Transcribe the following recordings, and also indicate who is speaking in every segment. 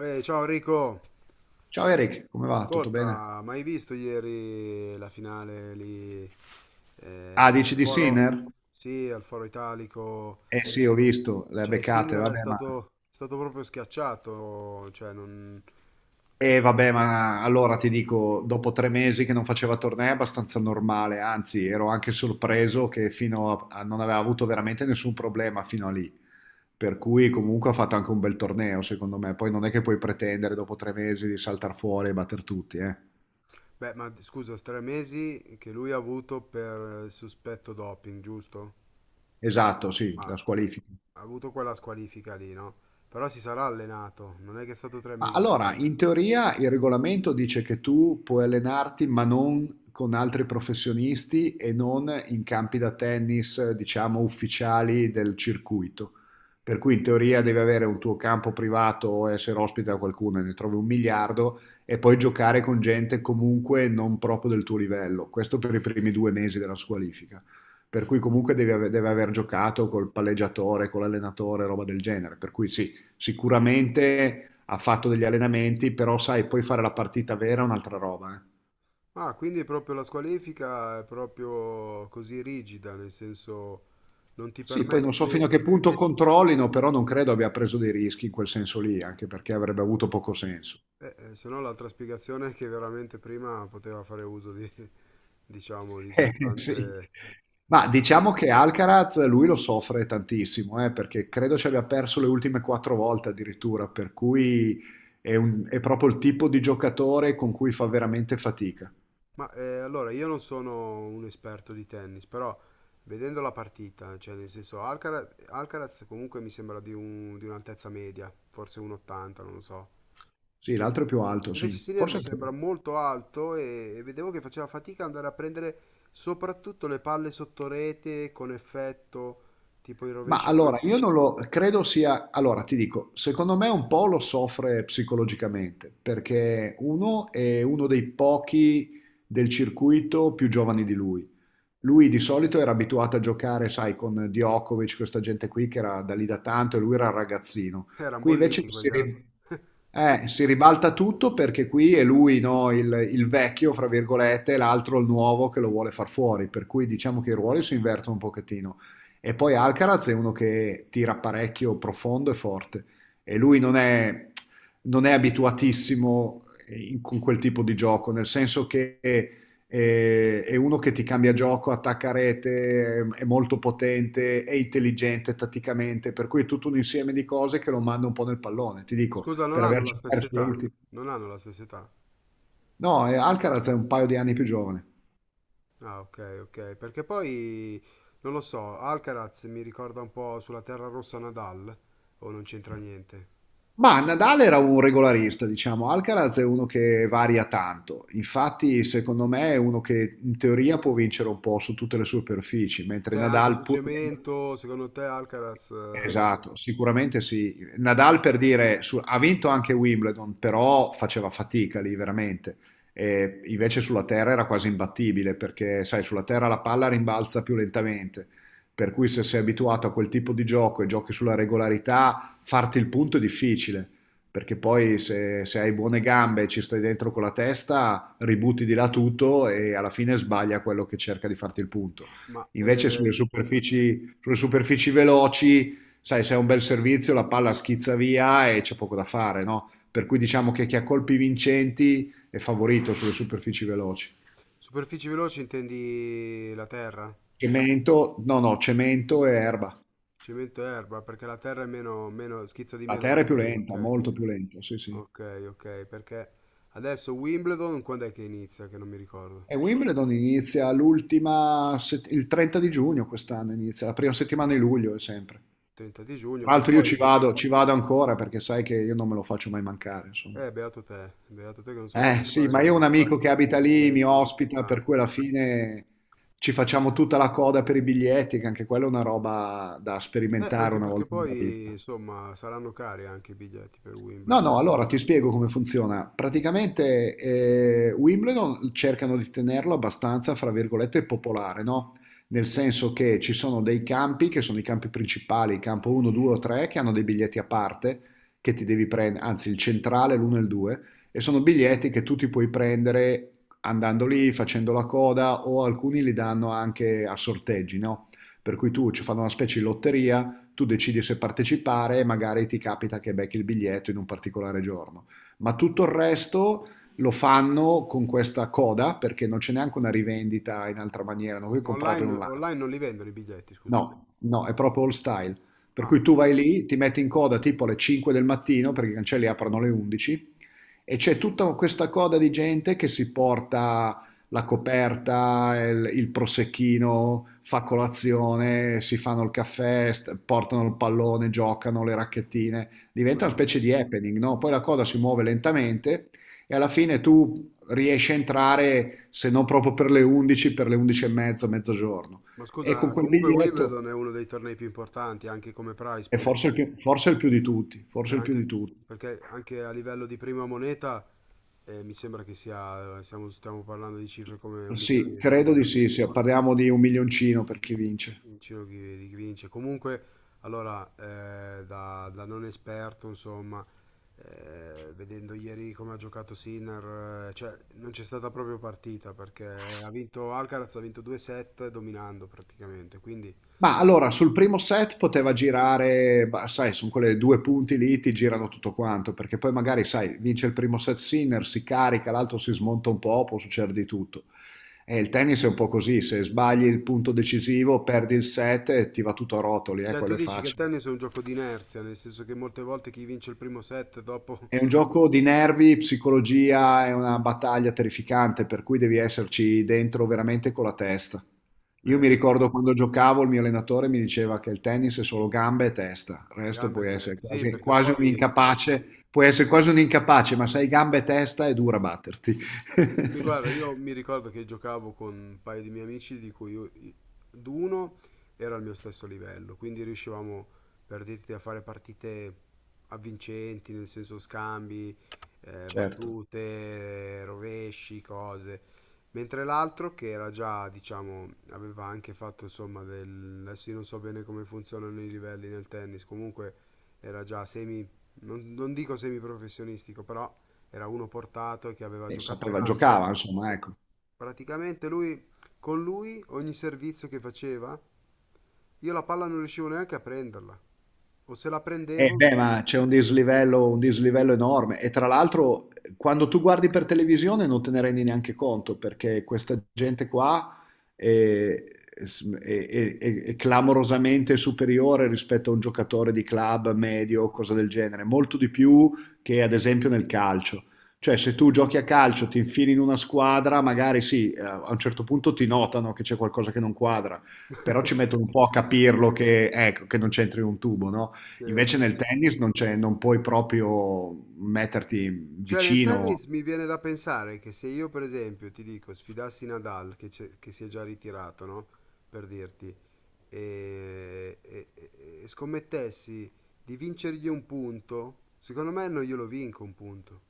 Speaker 1: Ciao Enrico,
Speaker 2: Ciao Eric, come va? Tutto bene?
Speaker 1: ascolta, ma hai visto ieri la finale lì
Speaker 2: Ah, dici
Speaker 1: al
Speaker 2: di
Speaker 1: Foro?
Speaker 2: Sinner?
Speaker 1: Sì, al Foro Italico.
Speaker 2: Eh sì, ho visto, le ha
Speaker 1: Cioè,
Speaker 2: beccate,
Speaker 1: Sinner è
Speaker 2: vabbè, ma...
Speaker 1: stato, è stato proprio schiacciato. Cioè, non...
Speaker 2: Eh vabbè, ma allora ti dico, dopo tre mesi che non faceva tornei è abbastanza normale, anzi ero anche sorpreso che non aveva avuto veramente nessun problema fino a lì, per cui comunque ha fatto anche un bel torneo secondo me, poi non è che puoi pretendere dopo tre mesi di saltar fuori e batter tutti, eh?
Speaker 1: Beh, ma scusa, 3 mesi che lui ha avuto per sospetto doping, giusto?
Speaker 2: Esatto, sì,
Speaker 1: Ma
Speaker 2: la squalifica.
Speaker 1: ha avuto quella squalifica lì, no? Però si sarà allenato, non è che è stato tre
Speaker 2: Ma
Speaker 1: mesi
Speaker 2: allora,
Speaker 1: fermo.
Speaker 2: in teoria il regolamento dice che tu puoi allenarti, ma non con altri professionisti e non in campi da tennis, diciamo, ufficiali del circuito. Per cui in teoria devi avere un tuo campo privato o essere ospite da qualcuno, e ne trovi un miliardo, e poi giocare con gente comunque non proprio del tuo livello. Questo per i primi due mesi della squalifica. Per cui comunque deve aver giocato col palleggiatore, con l'allenatore, roba del genere. Per cui sì, sicuramente ha fatto degli allenamenti, però sai, poi fare la partita vera è un'altra roba, eh.
Speaker 1: Ah, quindi proprio la squalifica è proprio così rigida, nel senso non ti
Speaker 2: Sì, poi non so fino
Speaker 1: permette,
Speaker 2: a che punto controllino, però non credo abbia preso dei rischi in quel senso lì, anche perché avrebbe avuto poco senso.
Speaker 1: se no l'altra spiegazione è che veramente prima poteva fare uso di, diciamo, di
Speaker 2: Sì.
Speaker 1: sostanze...
Speaker 2: Ma
Speaker 1: anche per-
Speaker 2: diciamo che Alcaraz lui lo soffre tantissimo, perché credo ci abbia perso le ultime quattro volte addirittura, per cui è, è proprio il tipo di giocatore con cui fa veramente fatica.
Speaker 1: Ma allora io non sono un esperto di tennis, però vedendo la partita, cioè nel senso Alcaraz, comunque mi sembra di un'altezza media, forse 1,80, non lo so.
Speaker 2: Sì, l'altro è più alto,
Speaker 1: Invece
Speaker 2: sì.
Speaker 1: Senior
Speaker 2: Forse
Speaker 1: mi
Speaker 2: anche...
Speaker 1: sembra molto alto e vedevo che faceva fatica ad andare a prendere soprattutto le palle sotto rete con effetto, tipo i
Speaker 2: Ma
Speaker 1: rovesci
Speaker 2: allora,
Speaker 1: di...
Speaker 2: io non lo credo sia, allora ti dico, secondo me un po' lo soffre psicologicamente, perché uno è uno dei pochi del circuito più giovani di lui, lui di solito era abituato a giocare, sai, con Djokovic, questa gente qui che era da lì da tanto e lui era un ragazzino.
Speaker 1: che erano
Speaker 2: Qui invece
Speaker 1: bolliti quegli altri.
Speaker 2: si ribalta tutto perché qui è lui, no, il vecchio, fra virgolette, e l'altro il nuovo che lo vuole far fuori, per cui diciamo che i ruoli si invertono un pochettino. E poi Alcaraz è uno che tira parecchio profondo e forte e lui non è, non è abituatissimo con quel tipo di gioco, nel senso che è uno che ti cambia gioco, attacca a rete, è molto potente, è intelligente tatticamente, per cui è tutto un insieme di cose che lo manda un po' nel pallone, ti
Speaker 1: Oh,
Speaker 2: dico,
Speaker 1: scusa, non
Speaker 2: per
Speaker 1: hanno la
Speaker 2: averci
Speaker 1: stessa
Speaker 2: perso le
Speaker 1: età.
Speaker 2: ultime.
Speaker 1: Non hanno la stessa età.
Speaker 2: No, Alcaraz è un paio di anni più giovane.
Speaker 1: Ah, ok, ok. Perché poi, non lo so, Alcaraz mi ricorda un po' sulla terra rossa Nadal, o non c'entra niente.
Speaker 2: Ma Nadal era un regolarista, diciamo, Alcaraz è uno che varia tanto, infatti secondo me è uno che in teoria può vincere un po' su tutte le superfici, mentre
Speaker 1: Cioè, anche
Speaker 2: Nadal
Speaker 1: su
Speaker 2: pur...
Speaker 1: cemento, secondo te Alcaraz...
Speaker 2: Esatto, sicuramente sì. Nadal per dire, ha vinto anche Wimbledon, però faceva fatica lì veramente. E invece sulla terra era quasi imbattibile perché, sai, sulla terra la palla rimbalza più lentamente. Per cui se sei abituato a quel tipo di gioco e giochi sulla regolarità, farti il punto è difficile. Perché poi se, se hai buone gambe e ci stai dentro con la testa, ributti di là tutto e alla fine sbaglia quello che cerca di farti il punto.
Speaker 1: ma
Speaker 2: Invece sulle superfici Sulle superfici veloci, sai, se è un bel servizio la palla schizza via e c'è poco da fare, no? Per cui diciamo che chi ha colpi vincenti è favorito sulle superfici veloci.
Speaker 1: superfici veloci intendi la terra?
Speaker 2: Cemento, no, no, cemento e erba.
Speaker 1: Cemento e erba, perché la terra è meno, meno, schizza di
Speaker 2: La
Speaker 1: meno la
Speaker 2: terra è più
Speaker 1: pallina,
Speaker 2: lenta,
Speaker 1: ok.
Speaker 2: molto più lenta, sì, sì.
Speaker 1: Ok, ok, perché adesso Wimbledon quando è che inizia? Che non mi ricordo.
Speaker 2: E Wimbledon inizia l'ultima, il 30 di giugno quest'anno inizia, la prima settimana di luglio è sempre.
Speaker 1: 30 di giugno,
Speaker 2: Tra
Speaker 1: che
Speaker 2: l'altro io
Speaker 1: poi...
Speaker 2: ci vado ancora perché sai che io non me lo faccio mai mancare, insomma.
Speaker 1: Beato te che non so come
Speaker 2: Eh sì, ma io ho un
Speaker 1: fai
Speaker 2: amico che
Speaker 1: i
Speaker 2: abita lì, mi
Speaker 1: biglietti.
Speaker 2: ospita,
Speaker 1: Ah.
Speaker 2: per cui alla fine ci facciamo tutta la coda per i biglietti, che anche quella è una roba da sperimentare
Speaker 1: Anche
Speaker 2: una
Speaker 1: perché
Speaker 2: volta nella
Speaker 1: poi,
Speaker 2: vita.
Speaker 1: insomma, saranno cari anche i biglietti per
Speaker 2: No,
Speaker 1: Wimbledon.
Speaker 2: no, allora ti spiego come funziona. Praticamente Wimbledon cercano di tenerlo abbastanza, fra virgolette, popolare, no? Nel senso che ci sono dei campi, che sono i campi principali, il campo 1, 2 o 3, che hanno dei biglietti a parte, che ti devi prendere, anzi il centrale, l'1 e il 2, e sono biglietti che tu ti puoi prendere andando lì, facendo la coda, o alcuni li danno anche a sorteggi, no? Per cui tu ci fanno una specie di lotteria, tu decidi se partecipare e magari ti capita che becchi il biglietto in un particolare giorno. Ma tutto il resto lo fanno con questa coda perché non c'è neanche una rivendita in altra maniera, non puoi
Speaker 1: Ma
Speaker 2: comprarli
Speaker 1: online,
Speaker 2: online.
Speaker 1: online non li vendono i biglietti, scusa.
Speaker 2: No, no, è proprio old style. Per
Speaker 1: Ah,
Speaker 2: cui tu vai lì, ti metti in coda tipo alle 5 del mattino, perché i cancelli aprono alle 11, e c'è tutta questa coda di gente che si porta la coperta, il prosecchino, fa colazione, si fanno il caffè, portano il pallone, giocano le racchettine. Diventa una
Speaker 1: madonna.
Speaker 2: specie di happening, no? Poi la coda si muove lentamente e alla fine tu riesci a entrare, se non proprio per le 11, per le 11 e mezza, mezzogiorno.
Speaker 1: Ma
Speaker 2: E con
Speaker 1: scusa,
Speaker 2: quel
Speaker 1: comunque
Speaker 2: biglietto,
Speaker 1: Wimbledon è uno dei tornei più importanti, anche come prize
Speaker 2: e
Speaker 1: pool.
Speaker 2: forse il più di tutti,
Speaker 1: Cioè
Speaker 2: forse il più
Speaker 1: anche,
Speaker 2: di tutti.
Speaker 1: perché anche a livello di prima moneta mi sembra che sia, stiamo parlando di cifre come un
Speaker 2: Sì,
Speaker 1: milione di
Speaker 2: credo di
Speaker 1: dollari,
Speaker 2: sì, sì, parliamo di un milioncino per chi vince.
Speaker 1: in giro chi, di chi vince. Comunque, allora, da, non esperto, insomma, vedendo ieri come ha giocato Sinner, cioè non c'è stata proprio partita perché ha vinto Alcaraz, ha vinto 2-7 dominando praticamente, quindi...
Speaker 2: Ma allora, sul primo set poteva girare, bah, sai, sono quelle due punti lì, ti girano tutto quanto, perché poi magari, sai, vince il primo set Sinner, si carica, l'altro si smonta un po', può succedere di tutto. E il tennis è un po' così, se sbagli il punto decisivo, perdi il set e ti va tutto a rotoli,
Speaker 1: Cioè, tu
Speaker 2: quello è
Speaker 1: dici che il
Speaker 2: facile.
Speaker 1: tennis è un gioco di inerzia, nel senso che molte volte chi vince il primo set dopo...
Speaker 2: È un gioco di nervi, psicologia, è una battaglia terrificante, per cui devi esserci dentro veramente con la testa. Io mi
Speaker 1: Perché-
Speaker 2: ricordo quando giocavo, il mio allenatore mi diceva che il tennis è solo gambe e testa, il resto
Speaker 1: Gambe e
Speaker 2: puoi essere
Speaker 1: testa, sì,
Speaker 2: quasi,
Speaker 1: perché
Speaker 2: quasi un
Speaker 1: poi,
Speaker 2: incapace, puoi essere quasi un incapace, ma se hai gambe e testa è dura batterti.
Speaker 1: mi- guarda, io mi ricordo che giocavo con un paio di miei amici di cui d'uno era al mio stesso livello, quindi riuscivamo, per dirti, a fare partite avvincenti, nel senso scambi,
Speaker 2: Certo.
Speaker 1: battute, rovesci, cose, mentre l'altro che era già, diciamo, aveva anche fatto, insomma, del... adesso io non so bene come funzionano i livelli nel tennis, comunque era già semi, non dico semiprofessionistico, però era uno portato che aveva
Speaker 2: E
Speaker 1: giocato
Speaker 2: sapeva,
Speaker 1: tanto.
Speaker 2: giocava, insomma, ecco.
Speaker 1: Praticamente lui, con lui, ogni servizio che faceva, io la palla non riuscivo neanche a prenderla. O se la
Speaker 2: Eh
Speaker 1: prendevo...
Speaker 2: beh, ma c'è un dislivello enorme e tra l'altro quando tu guardi per televisione non te ne rendi neanche conto perché questa gente qua è, è clamorosamente superiore rispetto a un giocatore di club medio o cosa del genere, molto di più che ad esempio nel calcio. Cioè se tu giochi a calcio, ti infili in una squadra, magari sì, a un certo punto ti notano che c'è qualcosa che non quadra, però ci mettono un po' a capirlo che, ecco, che non c'entri un tubo, no?
Speaker 1: Sì.
Speaker 2: Invece nel tennis non c'è, non puoi proprio metterti
Speaker 1: Cioè nel
Speaker 2: vicino.
Speaker 1: tennis mi viene da pensare che se io per esempio ti dico sfidassi Nadal che si è già ritirato, no? Per dirti, e scommettessi di vincergli un punto, secondo me non glielo vinco un punto.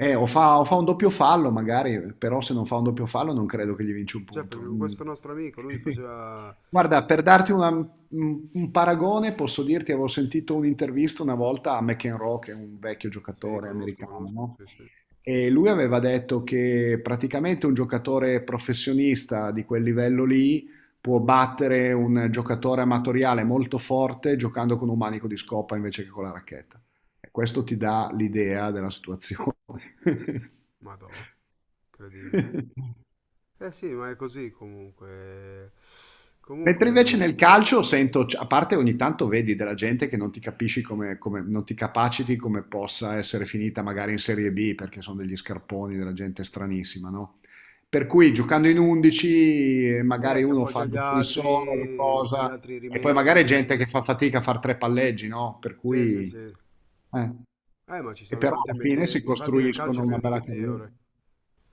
Speaker 2: O fa un doppio fallo magari, però se non fa un doppio fallo non credo che gli vinci un
Speaker 1: Cioè
Speaker 2: punto.
Speaker 1: perché con
Speaker 2: Mm.
Speaker 1: questo nostro amico lui faceva
Speaker 2: Guarda, per darti un paragone, posso dirti, avevo sentito un'intervista una volta a McEnroe, che è un vecchio
Speaker 1: Sì,
Speaker 2: giocatore
Speaker 1: conosco,
Speaker 2: americano,
Speaker 1: conosco,
Speaker 2: no?
Speaker 1: sì, sì.
Speaker 2: E lui aveva detto che praticamente un giocatore professionista di quel livello lì può battere un giocatore amatoriale molto forte giocando con un manico di scopa invece che con la racchetta. E questo ti dà l'idea della situazione.
Speaker 1: Madò, incredibile. Eh sì, ma è così comunque.
Speaker 2: Mentre
Speaker 1: Comunque,
Speaker 2: invece nel calcio sento, a parte ogni tanto vedi della gente che non ti capisci come, non ti capaciti come possa essere finita magari in Serie B, perché sono degli scarponi, della gente stranissima, no? Per cui giocando in 11 magari
Speaker 1: ti
Speaker 2: uno
Speaker 1: appoggi
Speaker 2: fa il
Speaker 1: agli
Speaker 2: difensore, la
Speaker 1: altri, poi gli
Speaker 2: cosa,
Speaker 1: altri
Speaker 2: e poi magari è
Speaker 1: rimediano.
Speaker 2: gente che fa fatica a fare tre palleggi, no? Per
Speaker 1: Sì, sì,
Speaker 2: cui...
Speaker 1: sì.
Speaker 2: eh,
Speaker 1: Ma ci
Speaker 2: e
Speaker 1: sono
Speaker 2: però
Speaker 1: tante
Speaker 2: alla fine
Speaker 1: meteore.
Speaker 2: si
Speaker 1: Infatti nel calcio
Speaker 2: costruiscono
Speaker 1: è
Speaker 2: una
Speaker 1: pieno di
Speaker 2: bella carriera.
Speaker 1: meteore.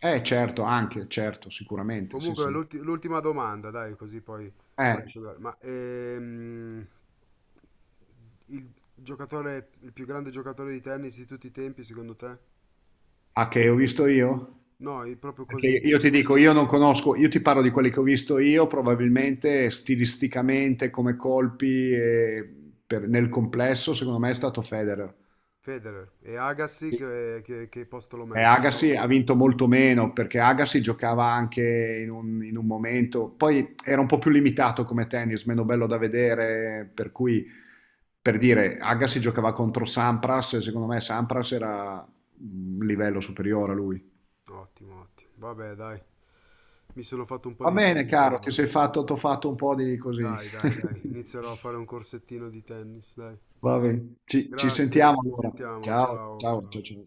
Speaker 2: Eh certo, anche, certo, sicuramente, sì
Speaker 1: Comunque,
Speaker 2: sì.
Speaker 1: l'ultima domanda, dai, così poi ti
Speaker 2: Eh,
Speaker 1: lascio andare. Ma il giocatore, il più grande giocatore di tennis di tutti i tempi, secondo te?
Speaker 2: ah, che ho visto io?
Speaker 1: No, è proprio
Speaker 2: Perché
Speaker 1: così.
Speaker 2: io ti dico, io non conosco, io ti parlo di quelli che ho visto io, probabilmente stilisticamente, come colpi, e nel complesso, secondo me è stato Federer.
Speaker 1: Federer e Agassi che posto lo
Speaker 2: E
Speaker 1: metti?
Speaker 2: Agassi ha vinto molto meno perché Agassi giocava anche in un momento, poi era un po' più limitato come tennis, meno bello da vedere, per cui per dire Agassi giocava contro Sampras e secondo me Sampras era un livello superiore a lui.
Speaker 1: Ottimo, ottimo. Vabbè, dai, mi sono fatto un po'
Speaker 2: Va
Speaker 1: di
Speaker 2: bene,
Speaker 1: infarinatura.
Speaker 2: caro, ti
Speaker 1: Vabbè.
Speaker 2: sei fatto, t'ho fatto un po' di così.
Speaker 1: Dai, dai, dai, inizierò a fare un corsettino di tennis, dai.
Speaker 2: Va bene, ci
Speaker 1: Grazie,
Speaker 2: sentiamo
Speaker 1: ci
Speaker 2: allora.
Speaker 1: sentiamo,
Speaker 2: Ciao,
Speaker 1: ciao,
Speaker 2: ciao,
Speaker 1: ciao.
Speaker 2: ciao, ciao.